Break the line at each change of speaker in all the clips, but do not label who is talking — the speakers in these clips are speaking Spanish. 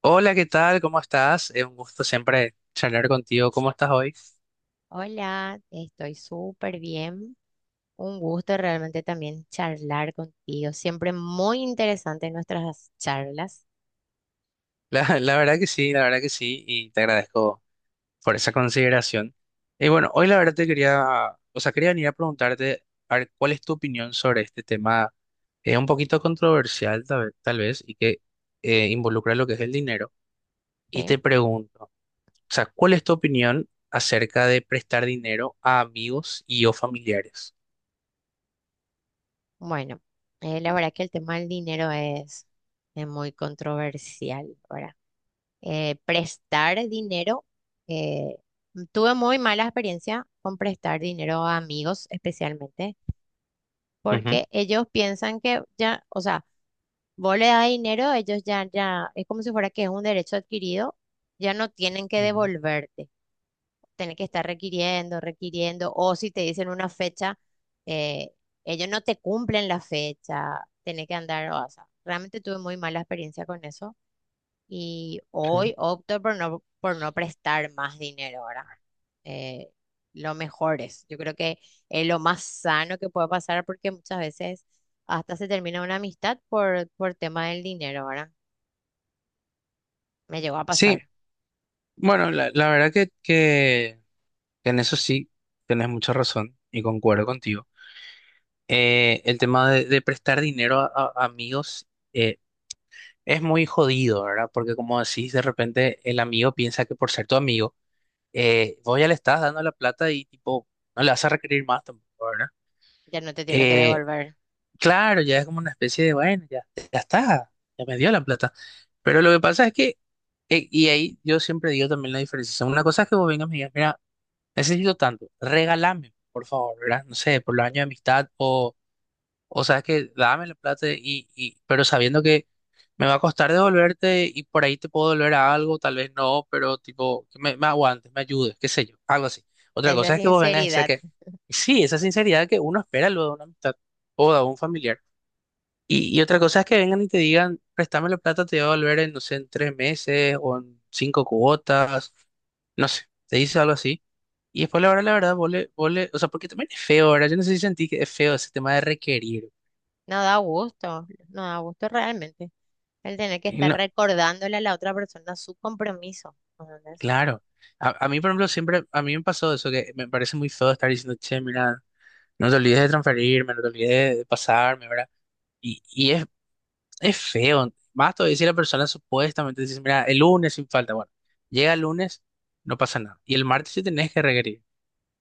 Hola, ¿qué tal? ¿Cómo estás? Es un gusto siempre charlar contigo. ¿Cómo estás hoy?
Hola, estoy súper bien. Un gusto realmente también charlar contigo. Siempre muy interesante nuestras charlas,
La verdad que sí, la verdad que sí, y te agradezco por esa consideración. Y bueno, hoy la verdad te quería, o sea, quería venir a preguntarte, a ver, ¿cuál es tu opinión sobre este tema? Es un poquito controversial, tal vez, y que involucra lo que es el dinero. Y
¿sí?
te pregunto, o sea, ¿cuál es tu opinión acerca de prestar dinero a amigos y o familiares?
Bueno, la verdad que el tema del dinero es muy controversial, ¿verdad? Prestar dinero, eh, tuve muy mala experiencia con prestar dinero a amigos especialmente,
Ujú.
porque ellos piensan que ya, o sea, vos le das dinero, ellos ya, ya, es como si fuera que es un derecho adquirido, ya no tienen que
Ujú.
devolverte, tienen que estar requiriendo, requiriendo, o si te dicen una fecha, eh, ellos no te cumplen la fecha, tenés que andar, o sea, realmente tuve muy mala experiencia con eso y
Sí.
hoy opto por no prestar más dinero ahora. Eh, lo mejor es, yo creo que es lo más sano que puede pasar porque muchas veces hasta se termina una amistad por tema del dinero, ¿verdad? Me llegó a
Sí.
pasar.
Bueno, la verdad que que en eso sí tenés mucha razón y concuerdo contigo. El tema de prestar dinero a, amigos eh, es muy jodido, ¿verdad? Porque como decís, de repente el amigo piensa que por ser tu amigo, vos ya le estás dando la plata y tipo, no le vas a requerir más tampoco, ¿verdad?
Ya no te tiene que
Eh,
devolver.
claro, ya es como una especie de, bueno, ya, ya está, ya me dio la plata. Pero lo que pasa es y ahí yo siempre digo también la diferencia. Una cosa es que vos vengas y me digas, mira, necesito tanto, regálame, por favor, ¿verdad? No sé, por los años de amistad o sabes que dame la plata pero sabiendo que me va a costar devolverte y por ahí te puedo devolver algo, tal vez no, pero tipo, que me aguantes, me ayudes, qué sé yo, algo así. Otra
Esa
cosa es que vos vengas y sé
sinceridad
que, sí, esa sinceridad que uno espera luego de una amistad o de un familiar. Y otra cosa es que vengan y te digan, préstame la plata, te voy a volver en, no sé, en tres meses o en cinco cuotas, no sé, te dice algo así. Y después la verdad, vos o sea, porque también es feo, ¿verdad? Yo no sé si sentí que es feo ese tema de requerir.
no da gusto, no da gusto realmente. El tener que
Y
estar
no,
recordándole a la otra persona su compromiso, ¿entendés?
claro. A mí, por ejemplo, siempre, a mí me pasó eso, que me parece muy feo estar diciendo, che, mira, no te olvides de transferirme, no te olvides de pasarme, ¿verdad? Y es feo. Más todavía si la persona supuestamente dice, mira, el lunes sin falta. Bueno, llega el lunes, no pasa nada. Y el martes sí tenés que requerir.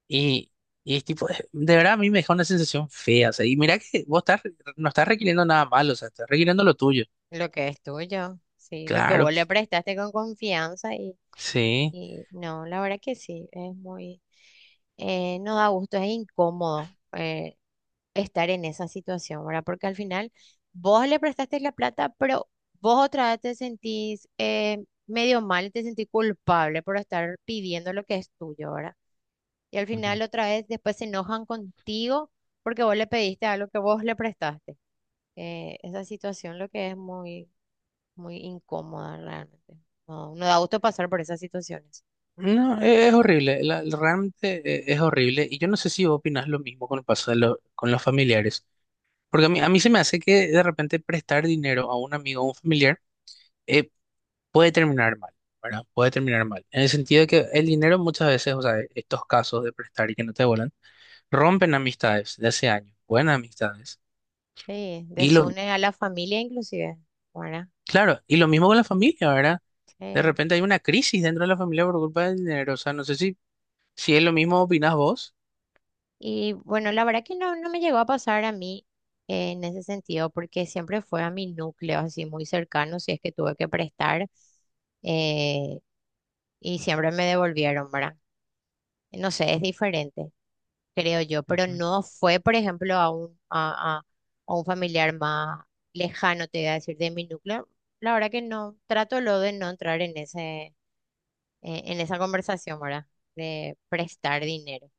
Y, y es tipo, de verdad a mí me deja una sensación fea. O sea, y mira que vos estás, no estás requiriendo nada malo, o sea, estás requiriendo lo tuyo.
Lo que es tuyo, sí, lo que vos
Claro,
le prestaste con confianza. y
sí.
Y no, la verdad que sí, es muy, no da gusto, es incómodo, estar en esa situación, ¿verdad? Porque al final vos le prestaste la plata, pero vos otra vez te sentís, medio mal, te sentís culpable por estar pidiendo lo que es tuyo, ¿verdad? Y al
Ujú.
final otra vez después se enojan contigo porque vos le pediste algo que vos le prestaste. Esa situación lo que es muy, muy incómoda realmente. No, no da gusto pasar por esas situaciones.
No, es horrible. Realmente es horrible. Y yo no sé si vos opinás lo mismo con el paso de con los familiares. Porque a mí se me hace que de repente prestar dinero a un amigo o un familiar. eh, Puede terminar mal, ¿verdad? Puede terminar mal. En el sentido de que el dinero muchas veces, o sea, estos casos de prestar y que no te vuelan, rompen amistades de hace años, buenas amistades.
Sí,
Y lo,
desune a la familia inclusive, ¿verdad?
claro, y lo mismo con la familia, ¿verdad? De
Sí.
repente hay una crisis dentro de la familia por culpa del dinero. O sea, no sé si, si es lo mismo opinás vos.
Y bueno, la verdad que no, no me llegó a pasar a mí, en ese sentido, porque siempre fue a mi núcleo, así muy cercano, si es que tuve que prestar, eh, y siempre me devolvieron, ¿verdad? No sé, es diferente, creo yo, pero
Ujú,
no fue, por ejemplo, a un, a, a un familiar más lejano, te voy a decir, de mi núcleo. La verdad que no, trato lo de no entrar en ese, en esa conversación, ¿verdad? De prestar dinero.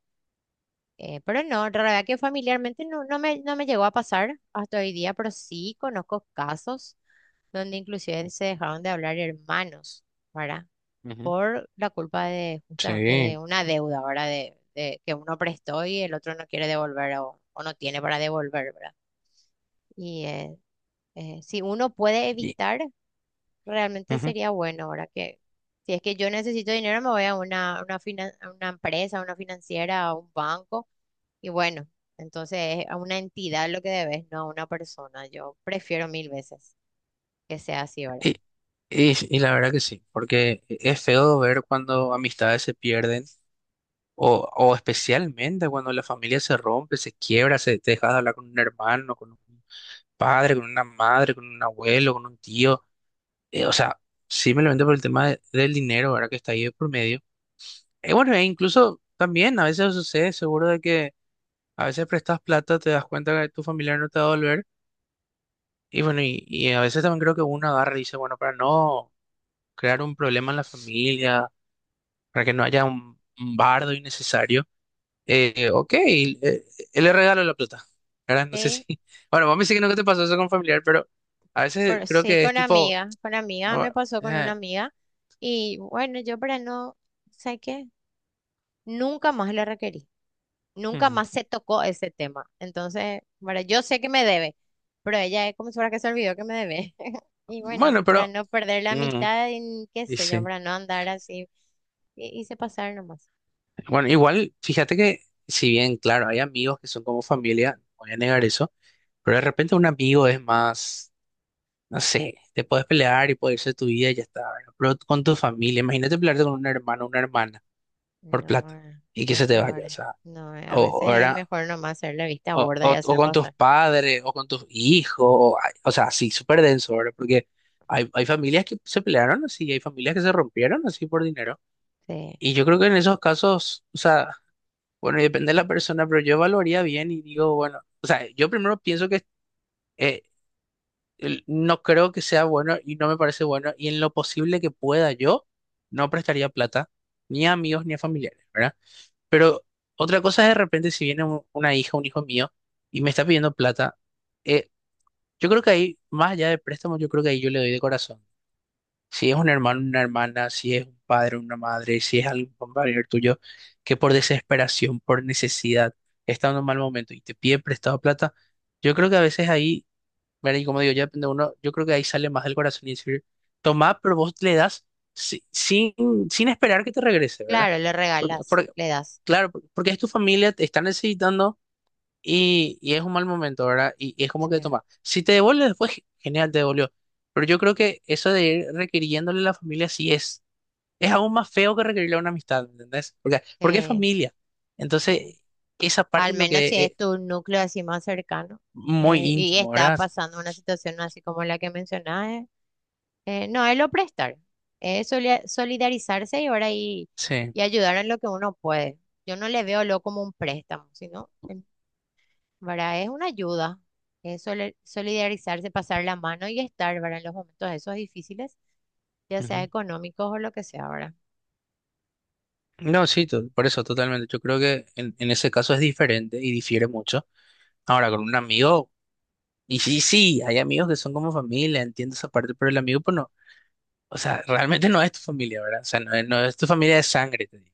Pero no, la verdad que familiarmente no, no me, no me llegó a pasar hasta hoy día, pero sí conozco casos donde inclusive se dejaron de hablar hermanos, ¿verdad?
ujú.
Por la culpa de justamente
Sí.
de una deuda, ¿verdad? De que uno prestó y el otro no quiere devolver o no tiene para devolver, ¿verdad? Y si uno puede
Y,
evitar. Realmente
ujú.
sería bueno ahora que, si es que yo necesito dinero, me voy a una, a una empresa, a una financiera, a un banco. Y bueno, entonces es a una entidad lo que debes, no a una persona. Yo prefiero mil veces que sea así ahora.
y, y la verdad que sí, porque es feo ver cuando amistades se pierden. O especialmente cuando la familia se rompe, se quiebra, se te deja de hablar con un hermano, con un padre, con una madre, con un abuelo, con un tío. O sea, simplemente por el tema del dinero, ¿verdad? Que está ahí de por medio. Bueno, e incluso también a veces sucede, seguro de que a veces prestas plata, te das cuenta que tu familiar no te va a devolver. Y bueno, y a veces también creo que uno agarra y dice, bueno, para no crear un problema en la familia, para que no haya un bardo innecesario. Ok, le regalo la plata, ¿verdad? No sé si...
Sí,
Bueno, vos me dices que nunca te pasó eso con familiar, pero a veces
pero
creo
sí,
que es tipo...
con amigas,
no,
me pasó con una
eh,
amiga. Y bueno, yo para no, ¿sabes qué? Nunca más la requerí. Nunca
mm,
más se tocó ese tema. Entonces, bueno, yo sé que me debe, pero ella es como si fuera que se olvidó que me debe. Y bueno,
bueno,
y para
pero...
no perder la
mm,
amistad, y qué
y
sé yo,
sí.
para no andar así, hice pasar nomás.
Bueno, igual, fíjate que si bien, claro, hay amigos que son como familia, no voy a negar eso, pero de repente un amigo es más, no sé, te puedes pelear y puede irse tu vida y ya está, ¿verdad? Pero con tu familia, imagínate pelearte con un hermano o una hermana por
No,
plata y que
lo
se te
peor.
vaya, o sea,
No, a
o,
veces es
ahora.
mejor nomás hacer la vista
O,
gorda y
o
hacerlo
con tus
pasar.
padres, o con tus hijos, o, ay, o sea, sí, súper denso, ¿verdad? Porque hay familias que se pelearon así, y hay familias que se rompieron así por dinero.
Sí.
Y yo creo que en esos casos, o sea, bueno, y depende de la persona, pero yo evaluaría bien y digo, bueno, o sea, yo primero pienso que eh, no creo que sea bueno y no me parece bueno, y en lo posible que pueda yo, no prestaría plata, ni a amigos ni a familiares, ¿verdad? Pero otra cosa es de repente si viene una hija, un hijo mío, y me está pidiendo plata. eh, Yo creo que ahí, más allá de préstamos, yo creo que ahí yo le doy de corazón. Si es un hermano, una hermana, si es un padre, una madre, si es algún compañero tuyo que por desesperación, por necesidad, está en un mal momento y te pide prestado plata, yo creo que a veces ahí, ¿verdad? Y como digo, ya depende de uno, yo creo que ahí sale más del corazón y decir, tomá, pero vos le das sin, sin esperar que te regrese, ¿verdad?
Claro, le
Porque,
regalas,
porque-
le das.
claro, porque es tu familia, te está necesitando. Y es un mal momento, ¿verdad? Y es como que
Sí.
toma. Si te devuelve después, genial, te devolvió. Pero yo creo que eso de ir requiriéndole a la familia sí es. Es aún más feo que requerirle a una amistad, ¿me entendés? Porque es
Eh,
familia.
eh,
Entonces, esa parte
al
es lo
menos
que
si es
es
tu núcleo así más cercano,
muy
y
íntimo,
está
¿verdad?
pasando una situación así como la que mencionas. No, es lo prestar, es solidarizarse y ahora
Sí.
y ayudar en lo que uno puede. Yo no le veo lo como un préstamo, sino, ¿verdad? Es una ayuda, es solidarizarse, pasar la mano y estar, ¿verdad? En los momentos esos difíciles, ya sea
Ujú.
económicos o lo que sea, ¿verdad?
No, sí, por eso, totalmente. Yo creo que en ese caso es diferente y difiere mucho. Ahora, con un amigo, y sí, sí, hay amigos que son como familia, entiendo esa parte, pero el amigo, pues no. O sea, realmente no es tu familia, ¿verdad? O sea, no es, no es tu familia de sangre, te digo.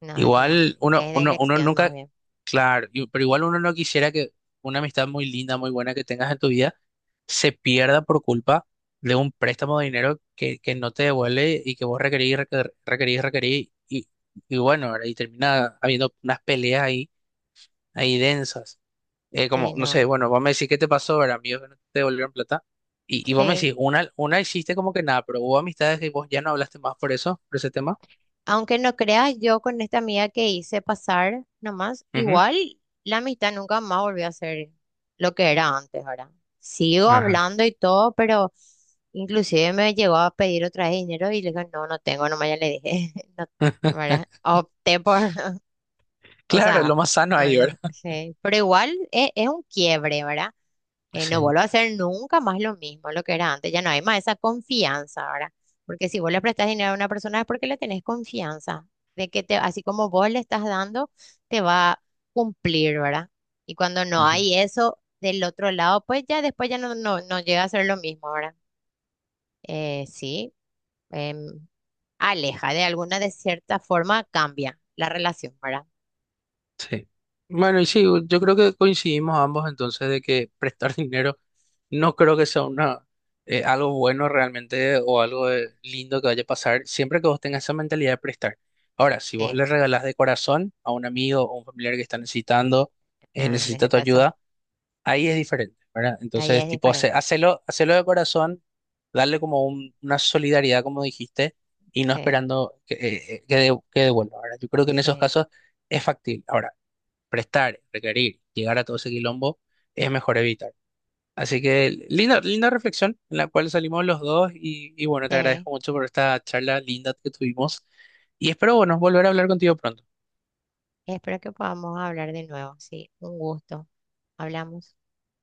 No, es no,
Igual
es de
uno
elección más
nunca,
bien.
claro, pero igual uno no quisiera que una amistad muy linda, muy buena que tengas en tu vida se pierda por culpa de un préstamo de dinero que no te devuelve y que vos requerís, requerís, y bueno, ¿verdad? Y termina habiendo unas peleas ahí, ahí densas. Como,
Sí,
no sé,
no,
bueno, vos me decís qué te pasó, ver amigos que no te devolvieron plata, y vos me
sí.
decís, una hiciste como que nada, pero hubo amistades que vos ya no hablaste más por eso, por ese tema.
Aunque no creas, yo con esta amiga que hice pasar nomás,
Ujú.
igual la amistad nunca más volvió a ser lo que era antes, ¿verdad? Sigo
Ajá.
hablando y todo, pero inclusive me llegó a pedir otra vez dinero y le dije, no, no tengo, nomás ya le dije, no, ¿verdad? Opté por, o
Claro, lo
sea,
más sano ahí, ¿verdad?
sí, pero igual es un quiebre, ¿verdad? No
Sí.
vuelvo a hacer nunca más lo mismo, lo que era antes, ya no hay más esa confianza ahora, porque si vos le prestás dinero a una persona es porque le tenés confianza, de que te, así como vos le estás dando, te va a cumplir, ¿verdad? Y cuando no
Ujú.
hay eso del otro lado, pues ya después ya no, no, no llega a ser lo mismo, ¿verdad? Sí, em, aleja de alguna, de cierta forma cambia la relación, ¿verdad?
Sí. Bueno, y sí, yo creo que coincidimos ambos entonces de que prestar dinero no creo que sea una, algo bueno realmente o algo lindo que vaya a pasar siempre que vos tengas esa mentalidad de prestar. Ahora, si vos
Sí,
le regalás de corazón a un amigo o un familiar que está necesitando,
ah, en
necesita
ese
tu
caso,
ayuda, ahí es diferente, ¿verdad?
ahí
Entonces,
es
tipo,
diferente,
hacelo, hacelo de corazón, darle como una solidaridad, como dijiste, y no
sí,
esperando que, que devuelva, ¿verdad? Yo creo que en esos
sí,
casos es factible. Ahora, prestar, requerir, llegar a todo ese quilombo, es mejor evitar. Así que linda, linda reflexión en la cual salimos los dos y bueno, te
sí.
agradezco mucho por esta charla linda que tuvimos y espero, bueno, volver a hablar contigo pronto.
Espero que podamos hablar de nuevo. Sí, un gusto. Hablamos.